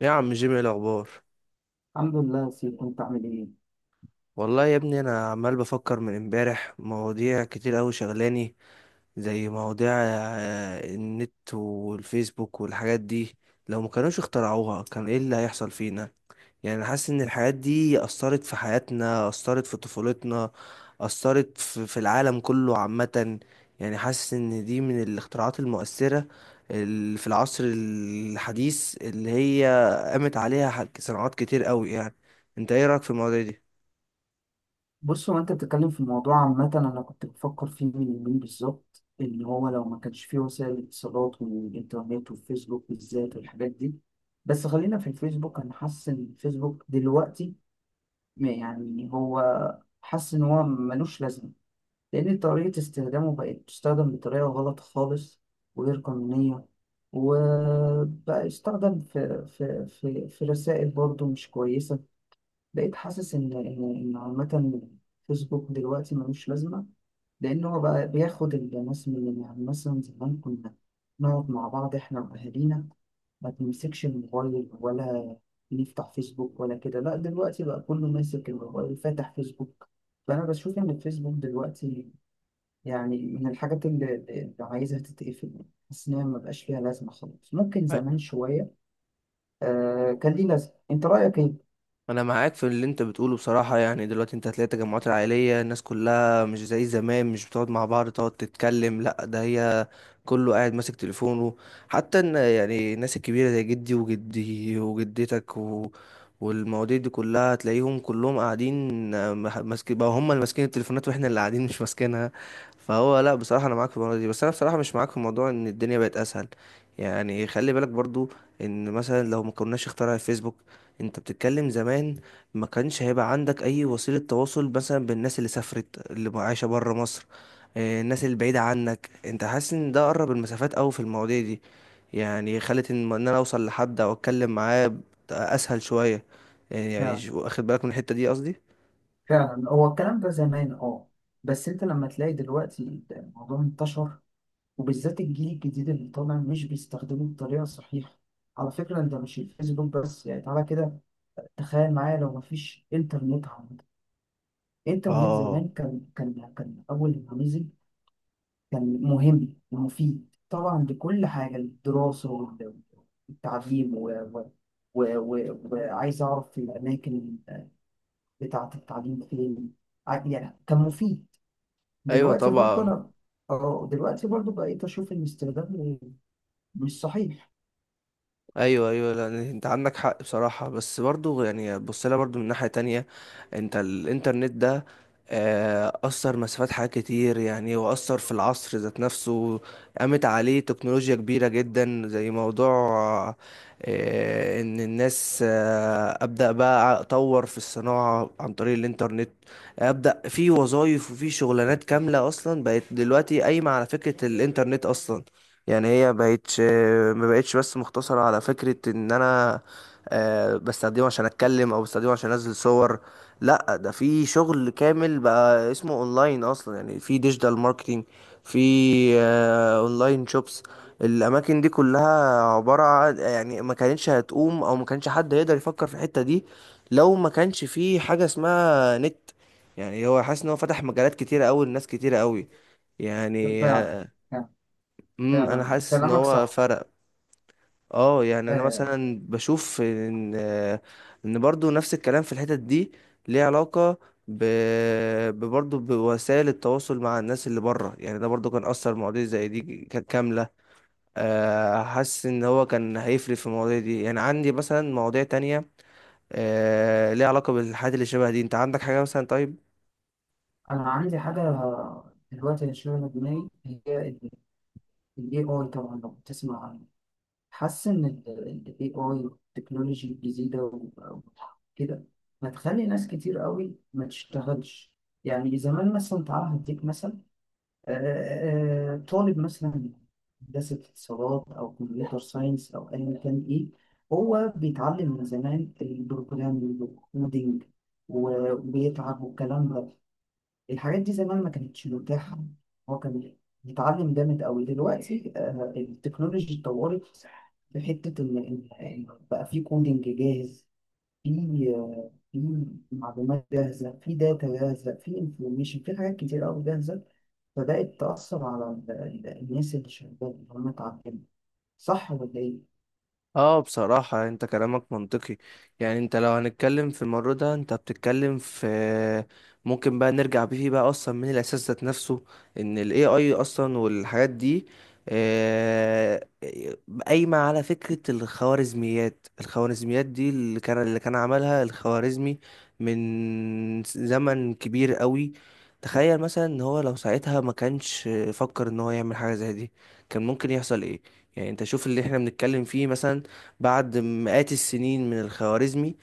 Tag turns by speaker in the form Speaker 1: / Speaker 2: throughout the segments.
Speaker 1: يا عم جيمي، إيه الاخبار؟
Speaker 2: الحمد لله يا سيدي، كنت عامل ايه؟
Speaker 1: والله يا ابني انا عمال بفكر من امبارح مواضيع كتير قوي شغلاني، زي مواضيع النت والفيسبوك والحاجات دي. لو ما كانوش اخترعوها كان ايه اللي هيحصل فينا؟ يعني أنا حاسس ان الحاجات دي اثرت في حياتنا، اثرت في طفولتنا، اثرت في العالم كله عامة. يعني حاسس ان دي من الاختراعات المؤثرة اللي في العصر الحديث، اللي هي قامت عليها صناعات كتير قوي. يعني انت ايه رأيك في المواضيع دي؟
Speaker 2: بص، هو انت بتتكلم في الموضوع عامة، انا كنت بفكر فيه من يومين بالظبط ان هو لو ما كانش فيه وسائل الاتصالات والانترنت والفيسبوك بالذات والحاجات دي. بس خلينا في الفيسبوك، انا حاسس ان الفيسبوك دلوقتي ما يعني هو حاسس ان هو ملوش لازمة، لان طريقة استخدامه بقت تستخدم بطريقة غلط خالص، وغير قانونية، وبقى يستخدم في رسائل برضه مش كويسة. بقيت حاسس ان ان إن عامة، فيسبوك دلوقتي ملوش لازمة. لأن هو بقى بياخد الناس، من يعني مثلا زمان كنا نقعد مع بعض إحنا وأهالينا، ما بنمسكش الموبايل ولا بنفتح فيسبوك ولا كده. لا، دلوقتي بقى كله ماسك الموبايل فاتح فيسبوك. فأنا بشوف إن الفيسبوك دلوقتي يعني من الحاجات اللي عايزها تتقفل. حاسس إن هي مبقاش ليها لازمة خالص، ممكن زمان شوية آه كان ليه لازمة. أنت رأيك
Speaker 1: انا معاك في اللي انت بتقوله بصراحه. يعني دلوقتي انت هتلاقي التجمعات العائليه، الناس كلها مش زي زمان، مش بتقعد مع بعض تقعد تتكلم، لا ده هي كله قاعد ماسك تليفونه. حتى ان يعني الناس الكبيره زي جدي وجدي وجدتك و... والمواضيع دي كلها، هتلاقيهم كلهم قاعدين، ماسك بقى، هم اللي ماسكين التليفونات واحنا اللي قاعدين مش ماسكينها. فهو لا بصراحه انا معاك في الموضوع دي، بس انا بصراحه مش معاك في موضوع ان الدنيا بقت اسهل. يعني خلي بالك برضو ان مثلا لو ما كناش اخترع الفيسبوك، انت بتتكلم زمان، ما كانش هيبقى عندك اي وسيلة تواصل مثلا بالناس اللي سافرت، اللي عايشة برا مصر. الناس اللي بعيدة عنك، انت حاسس ان ده قرب المسافات اوي في المواضيع دي. يعني خلت ان انا اوصل لحد او اتكلم معاه اسهل شوية. يعني يعني
Speaker 2: إيه؟
Speaker 1: شو- واخد بالك من الحتة دي قصدي؟
Speaker 2: فعلا هو الكلام ده زمان اه. بس انت لما تلاقي دلوقتي الموضوع انتشر، وبالذات الجيل الجديد اللي طالع مش بيستخدمه بطريقه صحيحه. على فكره انت مش الفيسبوك بس، يعني تعالى كده تخيل معايا لو مفيش انترنت عامه. الانترنت
Speaker 1: اه.
Speaker 2: زمان كان اول ما نزل كان مهم ومفيد طبعا لكل حاجه، الدراسه والتعليم و وعايز اعرف الاماكن بتاعه التعليم فين. يعني كان مفيد.
Speaker 1: ايوه
Speaker 2: دلوقتي برضه
Speaker 1: طبعا.
Speaker 2: انا اه دلوقتي برضه بقيت اشوف ان استخدامه مش صحيح.
Speaker 1: ايوه، ايوه، لا انت عندك حق بصراحه، بس برضو يعني بص لها برضو من ناحيه تانية. انت الانترنت ده اثر مسافات حاجات كتير، يعني واثر في العصر ذات نفسه. قامت عليه تكنولوجيا كبيره جدا، زي موضوع ان الناس ابدا بقى اطور في الصناعه عن طريق الانترنت، ابدا في وظائف وفي شغلانات كامله اصلا بقت دلوقتي قايمه على فكره الانترنت اصلا. يعني هي بقتش، ما بقتش بس مقتصرة على فكرة ان انا بستخدمه عشان اتكلم او بستخدمه عشان انزل صور. لا ده في شغل كامل بقى اسمه اونلاين اصلا، يعني في ديجيتال ماركتينج، في اونلاين شوبس. الاماكن دي كلها عبارة عن يعني ما كانتش هتقوم او ما كانش حد يقدر يفكر في الحتة دي لو ما كانش في حاجة اسمها نت. يعني هو حاسس ان هو فتح مجالات كتيرة قوي لناس كتيرة قوي. يعني
Speaker 2: فعلا، يعني
Speaker 1: انا
Speaker 2: فعلا
Speaker 1: حاسس ان
Speaker 2: كلامك
Speaker 1: هو
Speaker 2: صح
Speaker 1: فرق. اه يعني انا
Speaker 2: آه.
Speaker 1: مثلا بشوف ان ان برضو نفس الكلام في الحتت دي، ليه علاقة ب... برضه بوسائل التواصل مع الناس اللي بره. يعني ده برضو كان اثر مواضيع زي دي كاملة. حاسس ان هو كان هيفرق في المواضيع دي. يعني عندي مثلا مواضيع تانية ليها علاقة بالحاجات اللي شبه دي. انت عندك حاجة مثلا؟ طيب،
Speaker 2: انا عندي حاجه دلوقتي اللي شغاله دماغي هي الاي اي، طبعا لو بتسمع عنه. حاسس ان الاي اي والتكنولوجي الجديده وكده هتخلي ناس كتير قوي ما تشتغلش. يعني زمان مثلا تعالى هديك مثلا، طالب مثلا هندسة اتصالات أو كمبيوتر ساينس أو أيا كان إيه. هو بيتعلم من زمان البروجرامينج والكودينج وبيتعب والكلام ده. الحاجات دي زمان ما كانتش متاحة، هو كان بيتعلم جامد أوي. دلوقتي التكنولوجي اتطورت، في حتة إن إن بقى في كودينج جاهز، في في معلومات جاهزة، في داتا جاهزة، في انفورميشن، في حاجات كتير أوي جاهزة، بدأت تأثر على الناس اللي شغالة اللي هم اتعلموا. صح ولا إيه؟
Speaker 1: اه بصراحة انت كلامك منطقي. يعني انت لو هنتكلم في المرة ده، انت بتتكلم في، ممكن بقى نرجع بيه بقى اصلا من الاساس ذات نفسه، ان ال AI اصلا والحاجات دي آه، قايمة على فكرة الخوارزميات. الخوارزميات دي اللي كان عملها الخوارزمي من زمن كبير قوي. تخيل مثلا ان هو لو ساعتها ما كانش فكر ان هو يعمل حاجة زي دي، كان ممكن يحصل ايه؟ يعني انت شوف اللي احنا بنتكلم فيه مثلا بعد مئات السنين من الخوارزمي.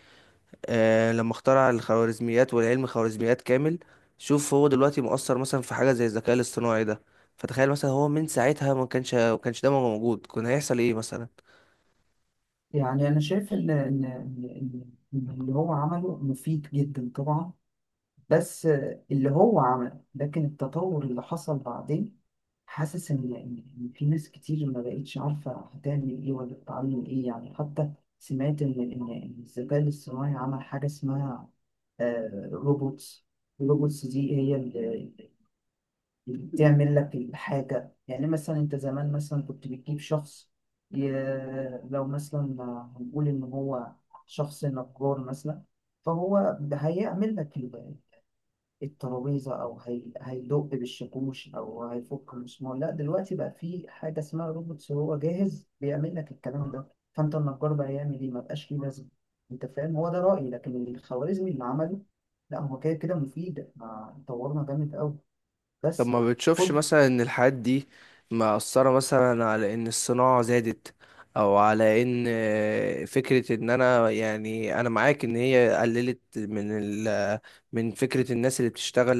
Speaker 1: آه لما اخترع الخوارزميات والعلم خوارزميات كامل، شوف هو دلوقتي مؤثر مثلا في حاجة زي الذكاء الاصطناعي ده. فتخيل مثلا هو من ساعتها ما كانش ده موجود، كان هيحصل ايه مثلا؟
Speaker 2: يعني أنا شايف إن اللي هو عمله مفيد جدا طبعا. بس اللي هو عمله، لكن التطور اللي حصل بعدين حاسس إن في ناس كتير ما بقتش عارفة هتعمل إيه ولا تتعلم إيه. يعني حتى سمعت إن الذكاء الاصطناعي عمل حاجة اسمها روبوتس. الروبوتس دي هي تعمل لك الحاجة. يعني مثلا أنت زمان مثلا كنت بتجيب شخص ي... لو مثلا هنقول إن هو شخص نجار مثلا، فهو هيعمل لك الترابيزة أو هيدق بالشاكوش أو هيفك المسمار. لا، دلوقتي بقى في حاجة اسمها روبوت، هو جاهز بيعمل لك الكلام ده. فأنت النجار بقى يعمل إيه؟ مبقاش ليه لازمة. أنت فاهم؟ هو ده رأيي، لكن الخوارزمي اللي عمله، لا هو كده كده مفيد. ما طورنا جامد أوي
Speaker 1: طب
Speaker 2: بس.
Speaker 1: ما بتشوفش
Speaker 2: خد.
Speaker 1: مثلا ان الحاجات دي مأثرة مثلا على ان الصناعة زادت؟ او على ان فكرة ان انا، يعني انا معاك ان هي قللت من من فكرة الناس اللي بتشتغل.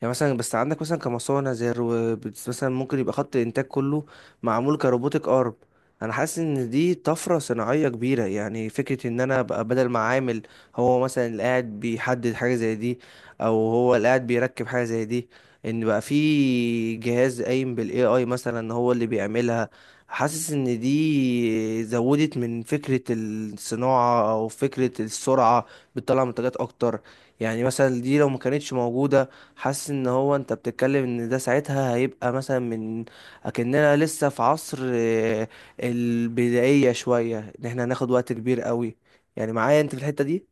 Speaker 1: يعني مثلا بس عندك مثلا كمصانع زي مثلا ممكن يبقى خط الانتاج كله معمول كروبوتك ارم. انا حاسس ان دي طفرة صناعية كبيرة، يعني فكرة ان انا ابقى بدل ما عامل، هو مثلا اللي قاعد بيحدد حاجة زي دي او هو اللي قاعد بيركب حاجة زي دي، ان بقى في جهاز قايم بالاي اي مثلا هو اللي بيعملها. حاسس ان دي زودت من فكرة الصناعة او فكرة السرعة، بتطلع منتجات اكتر. يعني مثلا دي لو ما كانتش موجودة، حاسس ان هو انت بتتكلم ان ده ساعتها هيبقى مثلا من اكننا لسه في عصر البدائية شوية، ان احنا هناخد وقت كبير قوي. يعني معايا انت في الحتة دي؟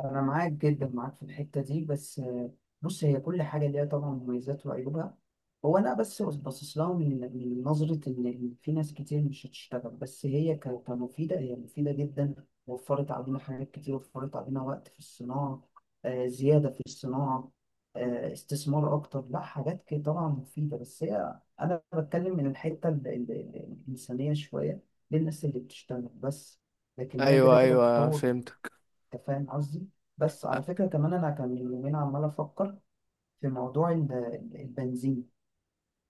Speaker 2: أنا معاك جدا، معاك في الحتة دي بس، بص، هي كل حاجة ليها طبعا مميزات وعيوبها. هو أنا بس باصص لها من نظرة إن في ناس كتير مش هتشتغل، بس هي كمفيدة، هي مفيدة جدا. وفرت علينا حاجات كتير، وفرت علينا وقت في الصناعة، زيادة في الصناعة، استثمار أكتر. لا، حاجات كده طبعا مفيدة. بس هي أنا بتكلم من الحتة الإنسانية شوية، للناس اللي بتشتغل بس. لكن هي كده
Speaker 1: ايوه،
Speaker 2: كده
Speaker 1: ايوه
Speaker 2: التطور.
Speaker 1: فهمتك.
Speaker 2: انت فاهم قصدي. بس على فكرة كمان انا كان من يومين عمال افكر في موضوع البنزين.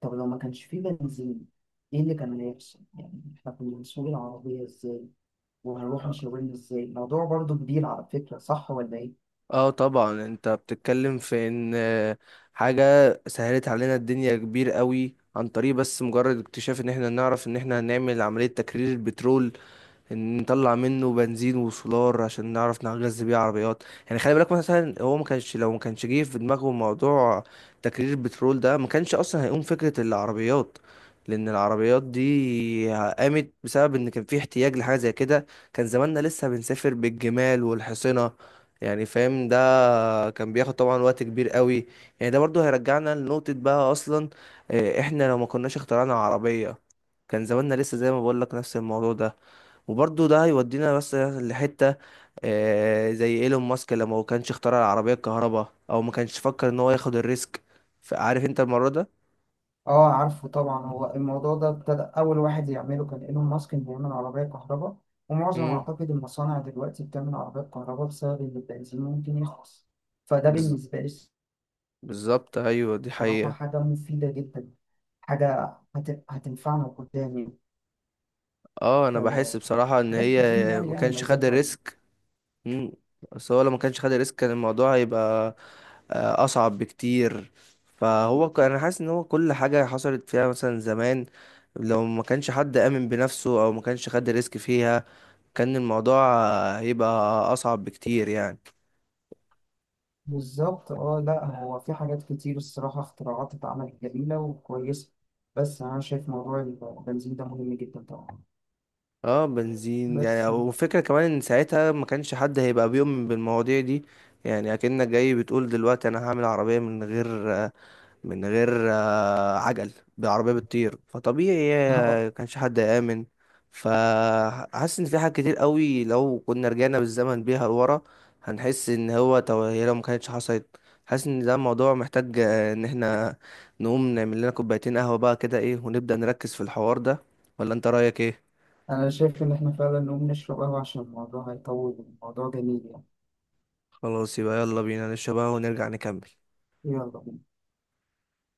Speaker 2: طب لو ما كانش فيه بنزين، ايه اللي كان هيحصل؟ يعني احنا كنا بنسوق العربية ازاي وهنروح مشاورين ازاي؟ الموضوع برضو كبير على فكرة، صح ولا ايه؟
Speaker 1: اه طبعا، انت بتتكلم في ان حاجة سهلت علينا الدنيا كبير قوي عن طريق بس مجرد اكتشاف ان احنا نعرف ان احنا هنعمل عملية تكرير البترول. ان نطلع منه بنزين وسولار عشان نعرف نغذي بيه عربيات. يعني خلي بالك مثلا هو ما كانش، لو ما كانش جه في دماغه موضوع تكرير البترول ده، ما كانش اصلا هيقوم فكرة العربيات. لان العربيات دي قامت بسبب ان كان في احتياج لحاجة زي كده. كان زماننا لسه بنسافر بالجمال والحصنة. يعني فاهم؟ ده كان بياخد طبعا وقت كبير قوي. يعني ده برضو هيرجعنا لنقطة بقى اصلا، احنا لو ما كناش اخترعنا عربية، كان زماننا لسه زي ما بقول لك نفس الموضوع ده. وبرضه ده هيودينا بس لحتة زي ايلون ماسك لما هو كانش اخترع العربية الكهرباء او ما كانش فكر ان هو ياخد الريسك. فعارف انت المرة ده.
Speaker 2: اه عارفه طبعا. هو الموضوع ده ابتدى اول واحد يعمله كان ايلون ماسك، انه يعمل عربية كهرباء. ومعظم
Speaker 1: مم.
Speaker 2: اعتقد المصانع دلوقتي بتعمل عربية كهرباء بسبب ان البنزين ممكن يخلص. فده
Speaker 1: بز-
Speaker 2: بالنسبة لي
Speaker 1: بالظبط، ايوه دي
Speaker 2: بصراحة
Speaker 1: حقيقة.
Speaker 2: حاجة مفيدة جدا، حاجة هتنفعنا قدام.
Speaker 1: اه انا بحس
Speaker 2: آه،
Speaker 1: بصراحة ان
Speaker 2: حاجات
Speaker 1: هي
Speaker 2: كتير يعني
Speaker 1: ما
Speaker 2: ليها
Speaker 1: كانش خد
Speaker 2: مميزات وعيوب.
Speaker 1: الريسك. مم. بس هو لو ما كانش خد الريسك كان الموضوع هيبقى اصعب بكتير. فهو انا حاسس ان هو كل حاجة حصلت فيها مثلا زمان لو ما كانش حد آمن بنفسه او ما كانش خد الريسك فيها، كان الموضوع هيبقى اصعب بكتير يعني.
Speaker 2: بالظبط. اه لا، هو في حاجات كتير الصراحة اختراعات اتعملت جميلة وكويسة، بس أنا شايف موضوع البنزين ده مهم جدا طبعا
Speaker 1: اه بنزين يعني،
Speaker 2: بس.
Speaker 1: وفكرة كمان ان ساعتها ما كانش حد هيبقى بيؤمن بالمواضيع دي. يعني اكنك جاي بتقول دلوقتي انا هعمل عربية من غير، من غير عجل، بعربية بتطير. فطبيعي
Speaker 2: آه،
Speaker 1: كانش حد آمن. فحاسس ان في حاجات كتير قوي لو كنا رجعنا بالزمن بيها لورا، هنحس ان هو طب هي لو ما كانتش حصلت. حاسس ان ده الموضوع محتاج ان احنا نقوم نعمل لنا كوبايتين قهوة بقى كده ايه ونبدأ نركز في الحوار ده. ولا انت رأيك ايه؟
Speaker 2: أنا شايف إن إحنا فعلا نقوم نشرب قهوة، عشان الموضوع هيطول. الموضوع جميل يعني.
Speaker 1: خلاص، يبقى يلا بينا نشرب قهوة ونرجع نكمل.
Speaker 2: يلا بينا.